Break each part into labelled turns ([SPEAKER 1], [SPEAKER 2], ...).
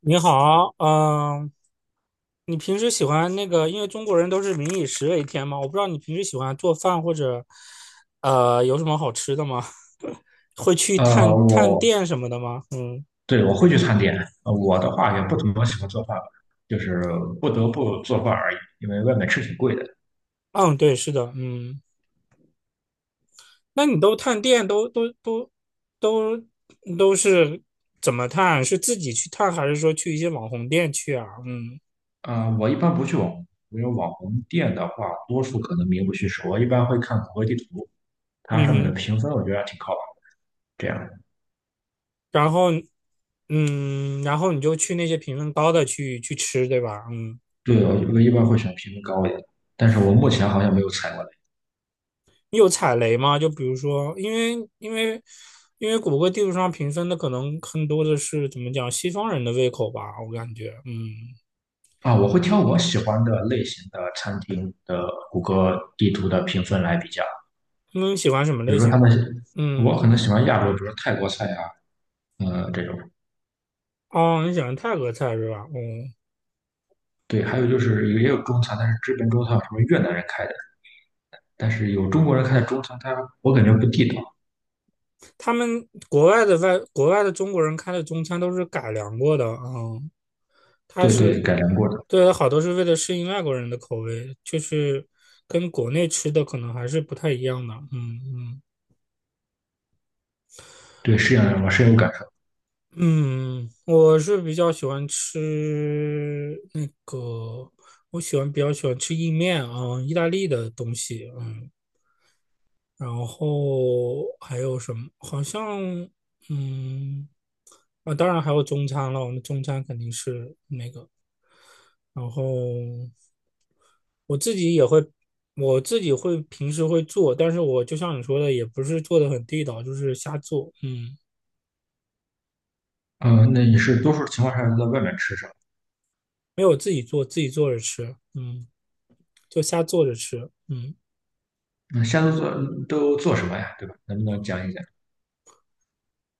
[SPEAKER 1] 你好，你平时喜欢因为中国人都是民以食为天嘛，我不知道你平时喜欢做饭或者，有什么好吃的吗？会去探探
[SPEAKER 2] 我
[SPEAKER 1] 店什么的吗？嗯
[SPEAKER 2] 对，我会去餐点。我的话也不怎么喜欢做饭吧，就是不得不做饭而已，因为外面吃挺贵的。
[SPEAKER 1] 嗯，对，是的，那你都探店都都是怎么探？是自己去探，还是说去一些网红店去啊？嗯
[SPEAKER 2] 我一般不去网红，因为网红店的话，多数可能名不虚实。我一般会看谷歌地图，它上面的
[SPEAKER 1] 嗯哼。
[SPEAKER 2] 评分我觉得还挺靠谱。这样，
[SPEAKER 1] 然后然后你就去那些评分高的去吃，对吧？嗯。
[SPEAKER 2] 对，我一般会选评分高一点的，但是我目前好像没有踩过雷。
[SPEAKER 1] 你有踩雷吗？就比如说，因为谷歌地图上评分的可能更多的是怎么讲西方人的胃口吧，我感觉，嗯。
[SPEAKER 2] 我会挑我喜欢的类型的餐厅的谷歌地图的评分来比较，
[SPEAKER 1] 他们喜欢什么
[SPEAKER 2] 比如
[SPEAKER 1] 类
[SPEAKER 2] 说他
[SPEAKER 1] 型？
[SPEAKER 2] 们，我
[SPEAKER 1] 嗯，
[SPEAKER 2] 可能喜欢亚洲，比如说泰国菜啊，这种。
[SPEAKER 1] 哦，你喜欢泰国菜是吧？嗯。
[SPEAKER 2] 对，还有就是也有中餐，但是这边中餐有什么越南人开的，但是有中国人开的中餐，它我感觉不地道。
[SPEAKER 1] 他们国外的中国人开的中餐都是改良过的，嗯。它
[SPEAKER 2] 对对，
[SPEAKER 1] 是
[SPEAKER 2] 改良过的，
[SPEAKER 1] 对，好多是为了适应外国人的口味，就是跟国内吃的可能还是不太一样的，嗯嗯。
[SPEAKER 2] 对，是这样的，我深有感受。
[SPEAKER 1] 嗯，我是比较喜欢吃我比较喜欢吃意面啊，意大利的东西，嗯，然后还有什么？好像，嗯，当然还有中餐了，我们中餐肯定是然后我自己也会，我自己会平时会做，但是我就像你说的，也不是做的很地道，就是瞎做，嗯。
[SPEAKER 2] 嗯，那你是多数情况下都在外面吃什么？
[SPEAKER 1] 没有自己做，自己做着吃，嗯。就瞎做着吃。嗯
[SPEAKER 2] 那现在都做，都做什么呀？对吧？能不能讲一讲？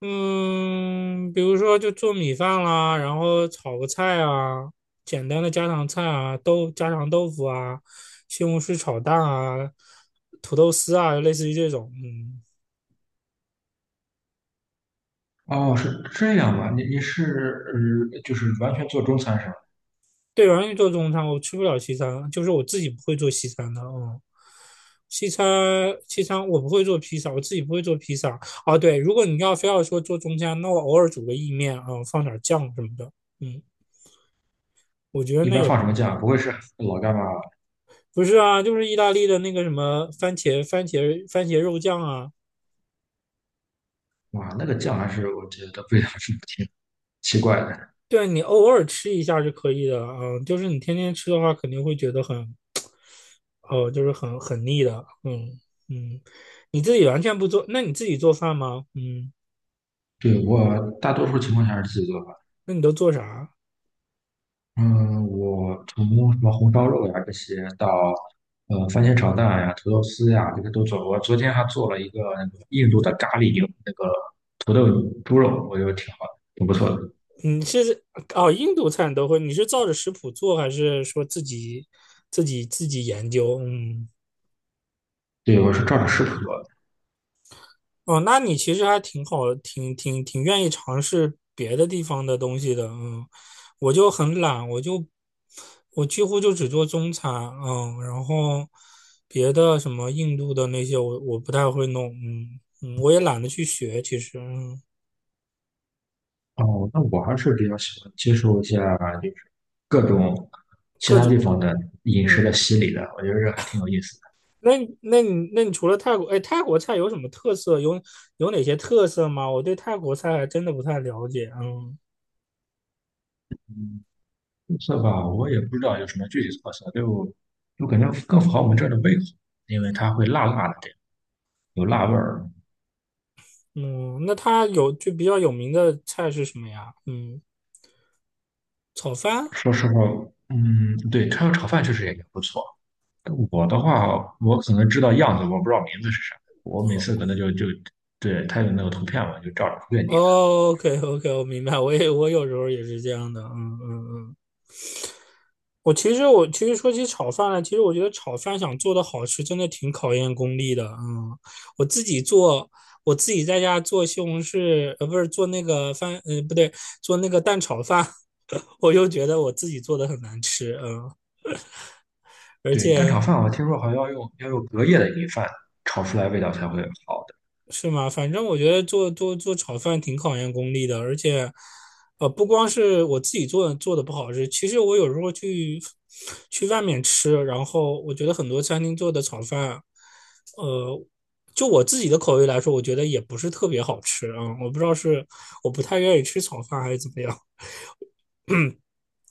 [SPEAKER 1] 嗯，比如说就做米饭啦，然后炒个菜啊，简单的家常菜啊，家常豆腐啊，西红柿炒蛋啊，土豆丝啊，类似于这种。嗯。
[SPEAKER 2] 哦，是这样吧？你是就是完全做中餐是吧？
[SPEAKER 1] 对，我完全做中餐，我吃不了西餐，就是我自己不会做西餐的。嗯。西餐，西餐我不会做披萨，我自己不会做披萨。哦，对，如果你要非要说做中餐，那我偶尔煮个意面啊、放点酱什么的，嗯，我觉得
[SPEAKER 2] 一
[SPEAKER 1] 那
[SPEAKER 2] 般
[SPEAKER 1] 也
[SPEAKER 2] 放
[SPEAKER 1] 不。
[SPEAKER 2] 什么酱？不会是老干妈吧？
[SPEAKER 1] 不是啊，就是意大利的那个什么番茄肉酱啊。
[SPEAKER 2] 哇，那个酱还是我觉得味道是挺奇怪的。
[SPEAKER 1] 对啊，你偶尔吃一下是可以的，嗯，就是你天天吃的话，肯定会觉得很，哦，就是很腻的，嗯。嗯，你自己完全不做，那你自己做饭吗？嗯，
[SPEAKER 2] 对，我大多数情况下是自己做，
[SPEAKER 1] 那你都做啥？
[SPEAKER 2] 嗯，我从什么红烧肉呀这些到番茄炒蛋呀、土豆丝呀，这些都做过。我昨天还做了一个那个印度的咖喱牛那个土豆猪肉，我觉得挺好的，挺不错的。
[SPEAKER 1] 你是哦，印度菜你都会，你是照着食谱做，还是说自己研究？嗯
[SPEAKER 2] 对，我是照着食谱做的。
[SPEAKER 1] 哦，那你其实还挺好，挺愿意尝试别的地方的东西的，嗯。我就很懒，我几乎就只做中餐，嗯，然后别的什么印度的那些我不太会弄，嗯嗯，我也懒得去学，其实，嗯。
[SPEAKER 2] 哦，那我还是比较喜欢接受一下，就是各种其
[SPEAKER 1] 各
[SPEAKER 2] 他
[SPEAKER 1] 种，
[SPEAKER 2] 地方的饮食
[SPEAKER 1] 嗯。
[SPEAKER 2] 的洗礼的，我觉得这还挺有意思的。
[SPEAKER 1] 那你除了泰国，哎，泰国菜有什么特色？有有哪些特色吗？我对泰国菜还真的不太了解，嗯
[SPEAKER 2] 特色吧，我也不知道有什么具体特色，就感觉更符合我们这儿的胃口，因为它会辣辣的，有辣味儿。
[SPEAKER 1] 嗯。那它有就比较有名的菜是什么呀？嗯。炒饭？
[SPEAKER 2] 说实话，嗯，对，他要炒饭确实也不错。我的话，我可能知道样子，我不知道名字是啥。我每
[SPEAKER 1] 哦
[SPEAKER 2] 次可能就对他有那个图片嘛，就照着图片点。
[SPEAKER 1] o k OK,我明白，我也我有时候也是这样的，嗯嗯嗯。我其实说起炒饭来，其实我觉得炒饭想做的好吃，真的挺考验功力的，嗯。我自己做，我自己在家做西红柿，呃，不是做那个饭，呃，不对，做那个蛋炒饭，我就觉得我自己做的很难吃，嗯。而
[SPEAKER 2] 对，蛋炒
[SPEAKER 1] 且
[SPEAKER 2] 饭我听说好像要用隔夜的米饭炒出来味道才会好的。
[SPEAKER 1] 是吗？反正我觉得做炒饭挺考验功力的，而且，呃，不光是我自己做的不好吃，其实我有时候去外面吃，然后我觉得很多餐厅做的炒饭，呃，就我自己的口味来说，我觉得也不是特别好吃啊。我不知道是我不太愿意吃炒饭还是怎么样。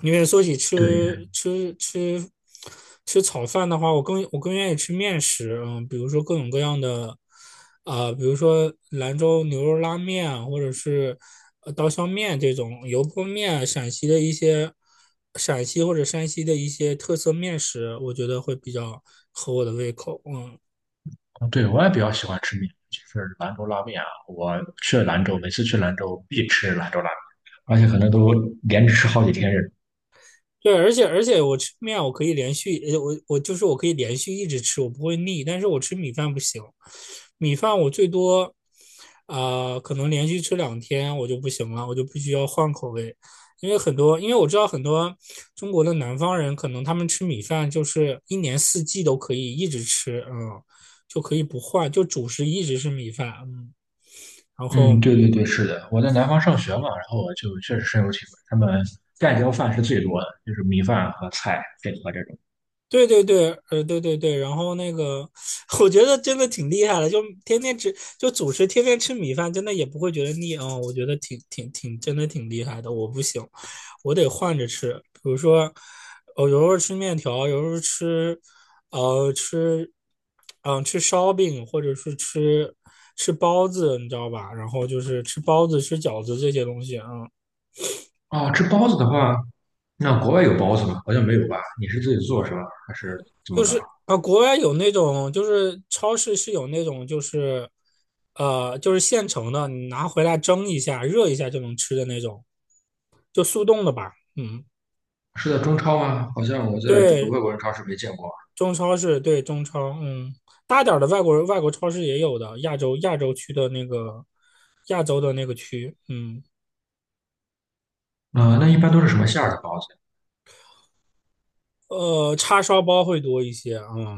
[SPEAKER 1] 因为说起
[SPEAKER 2] 对，
[SPEAKER 1] 吃炒饭的话，我更愿意吃面食，嗯，比如说各种各样的，啊、比如说兰州牛肉拉面啊，或者是呃刀削面、这种油泼面，陕西或者山西的一些特色面食，我觉得会比较合我的胃口，嗯。
[SPEAKER 2] 对，我也比较喜欢吃面，就是兰州拉面啊。我去兰州，每次去兰州必吃兰州拉面，而且可能都连着吃好几天。
[SPEAKER 1] 对，而且我吃面我可以连续，呃我我就是我可以连续一直吃，我不会腻。但是我吃米饭不行，米饭我最多，呃，可能连续吃两天我就不行了，我就必须要换口味。因为我知道很多中国的南方人，可能他们吃米饭就是一年四季都可以一直吃，嗯，就可以不换，就主食一直是米饭，嗯。然后
[SPEAKER 2] 嗯，对对对，是的，我在南方上学嘛，然后我就确实深有体会，他们盖浇饭是最多的，就是米饭和菜配合这种。
[SPEAKER 1] 对对对，呃，对对对，然后那个，我觉得真的挺厉害的，就天天吃，就主食天天吃米饭，真的也不会觉得腻啊、我觉得挺，真的挺厉害的。我不行，我得换着吃，比如说，我有时候吃面条，有时候吃，呃，吃，吃烧饼，或者是吃包子，你知道吧？然后就是吃包子、吃饺子这些东西啊、嗯。
[SPEAKER 2] 哦，吃包子的话，那国外有包子吗？好像没有吧？你是自己做是吧？还是怎么
[SPEAKER 1] 就
[SPEAKER 2] 搞？
[SPEAKER 1] 是啊，国外有那种，就是超市是有那种，就是现成的，你拿回来蒸一下、热一下就能吃的那种，就速冻的吧。嗯，
[SPEAKER 2] 是在中超吗？好像我在这个
[SPEAKER 1] 对，
[SPEAKER 2] 外国人超市没见过。
[SPEAKER 1] 中超市，对中超，嗯，大点儿的外国超市也有的，亚洲区的那个亚洲的那个区，嗯。
[SPEAKER 2] 那一般都是什么馅儿的包子？
[SPEAKER 1] 呃，叉烧包会多一些，嗯。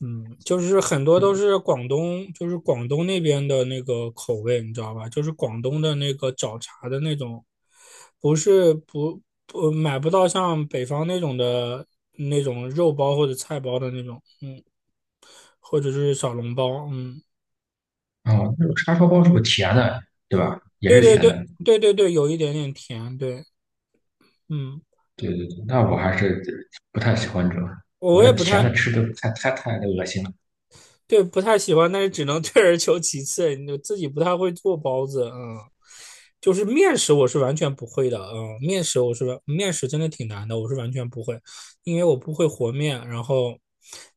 [SPEAKER 1] 嗯，就是很多都是广东，就是广东那边的那个口味，你知道吧？就是广东的那个找茬的那种，不是不不买不到像北方那种的那种肉包或者菜包的那种，嗯，或者是小笼包，嗯。
[SPEAKER 2] 哦，那种叉烧包是不是甜的，对吧？也
[SPEAKER 1] 对
[SPEAKER 2] 是
[SPEAKER 1] 对
[SPEAKER 2] 甜
[SPEAKER 1] 对
[SPEAKER 2] 的。
[SPEAKER 1] 对对对，有一点点甜，对，嗯。
[SPEAKER 2] 对对对，那我还是不太喜欢这种，
[SPEAKER 1] 我
[SPEAKER 2] 我
[SPEAKER 1] 也不
[SPEAKER 2] 甜
[SPEAKER 1] 太。
[SPEAKER 2] 的吃的太恶心了。
[SPEAKER 1] 对，不太喜欢，但是只能 退而求其次。你自己不太会做包子，嗯，就是面食我是完全不会的，嗯，面食我是完面食真的挺难的，我是完全不会，因为我不会和面。然后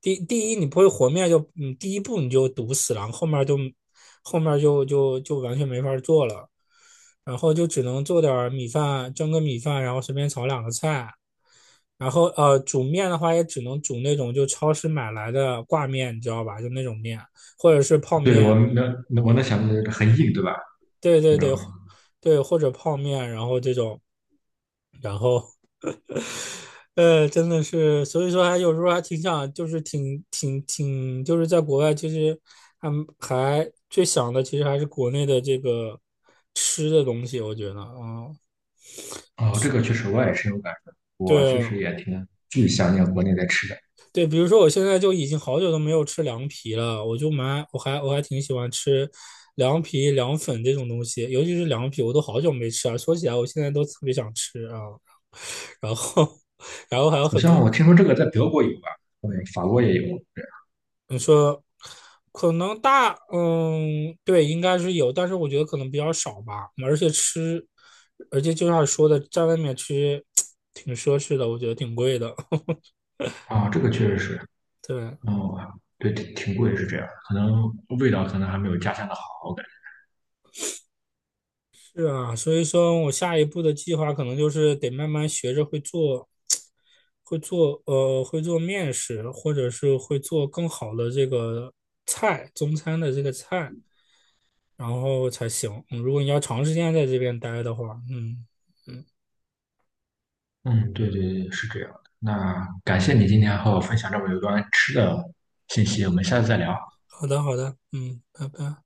[SPEAKER 1] 第一你不会和面就，嗯，第一步你就堵死了，后面就完全没法做了，然后就只能做点儿米饭，蒸个米饭，然后随便炒两个菜。然后呃，煮面的话也只能煮那种就超市买来的挂面，你知道吧？就那种面，或者是泡
[SPEAKER 2] 对，
[SPEAKER 1] 面，
[SPEAKER 2] 我能，我能想到就是很硬，对吧？
[SPEAKER 1] 对
[SPEAKER 2] 那
[SPEAKER 1] 对
[SPEAKER 2] 种，
[SPEAKER 1] 对，对，或者泡面，然后这种，然后呃，真的是，所以说还有时候还挺想，就是挺挺挺，就是在国外，其实还还最想的，其实还是国内的这个吃的东西，我觉得啊。
[SPEAKER 2] 哦，这个确实我也深有感受，我确
[SPEAKER 1] 对
[SPEAKER 2] 实
[SPEAKER 1] 啊。
[SPEAKER 2] 也挺巨想念国内的吃的。
[SPEAKER 1] 对，比如说我现在就已经好久都没有吃凉皮了，我就蛮我还我还挺喜欢吃凉皮、凉粉这种东西，尤其是凉皮，我都好久没吃啊。说起来，我现在都特别想吃啊。然后，然后还
[SPEAKER 2] 好
[SPEAKER 1] 有很
[SPEAKER 2] 像
[SPEAKER 1] 多。
[SPEAKER 2] 我听说这个在德国有吧，嗯，法国也有。对，
[SPEAKER 1] 你说可能大，嗯，对，应该是有，但是我觉得可能比较少吧。而且吃，而且就像说的，在外面吃 挺奢侈的，我觉得挺贵的。
[SPEAKER 2] 这个确实是，
[SPEAKER 1] 对，
[SPEAKER 2] 哦，对，挺贵是这样，可能味道可能还没有家乡的好，我感觉。
[SPEAKER 1] 是啊，所以说我下一步的计划可能就是得慢慢学着会做，会做面食，或者是会做更好的这个菜，中餐的这个菜，然后才行。嗯如果你要长时间在这边待的话，嗯。嗯，
[SPEAKER 2] 嗯，对对对，是这样的。那感谢你今天和我分享这么有关吃的信息，我们下次再聊。
[SPEAKER 1] 好的好的，嗯，拜拜。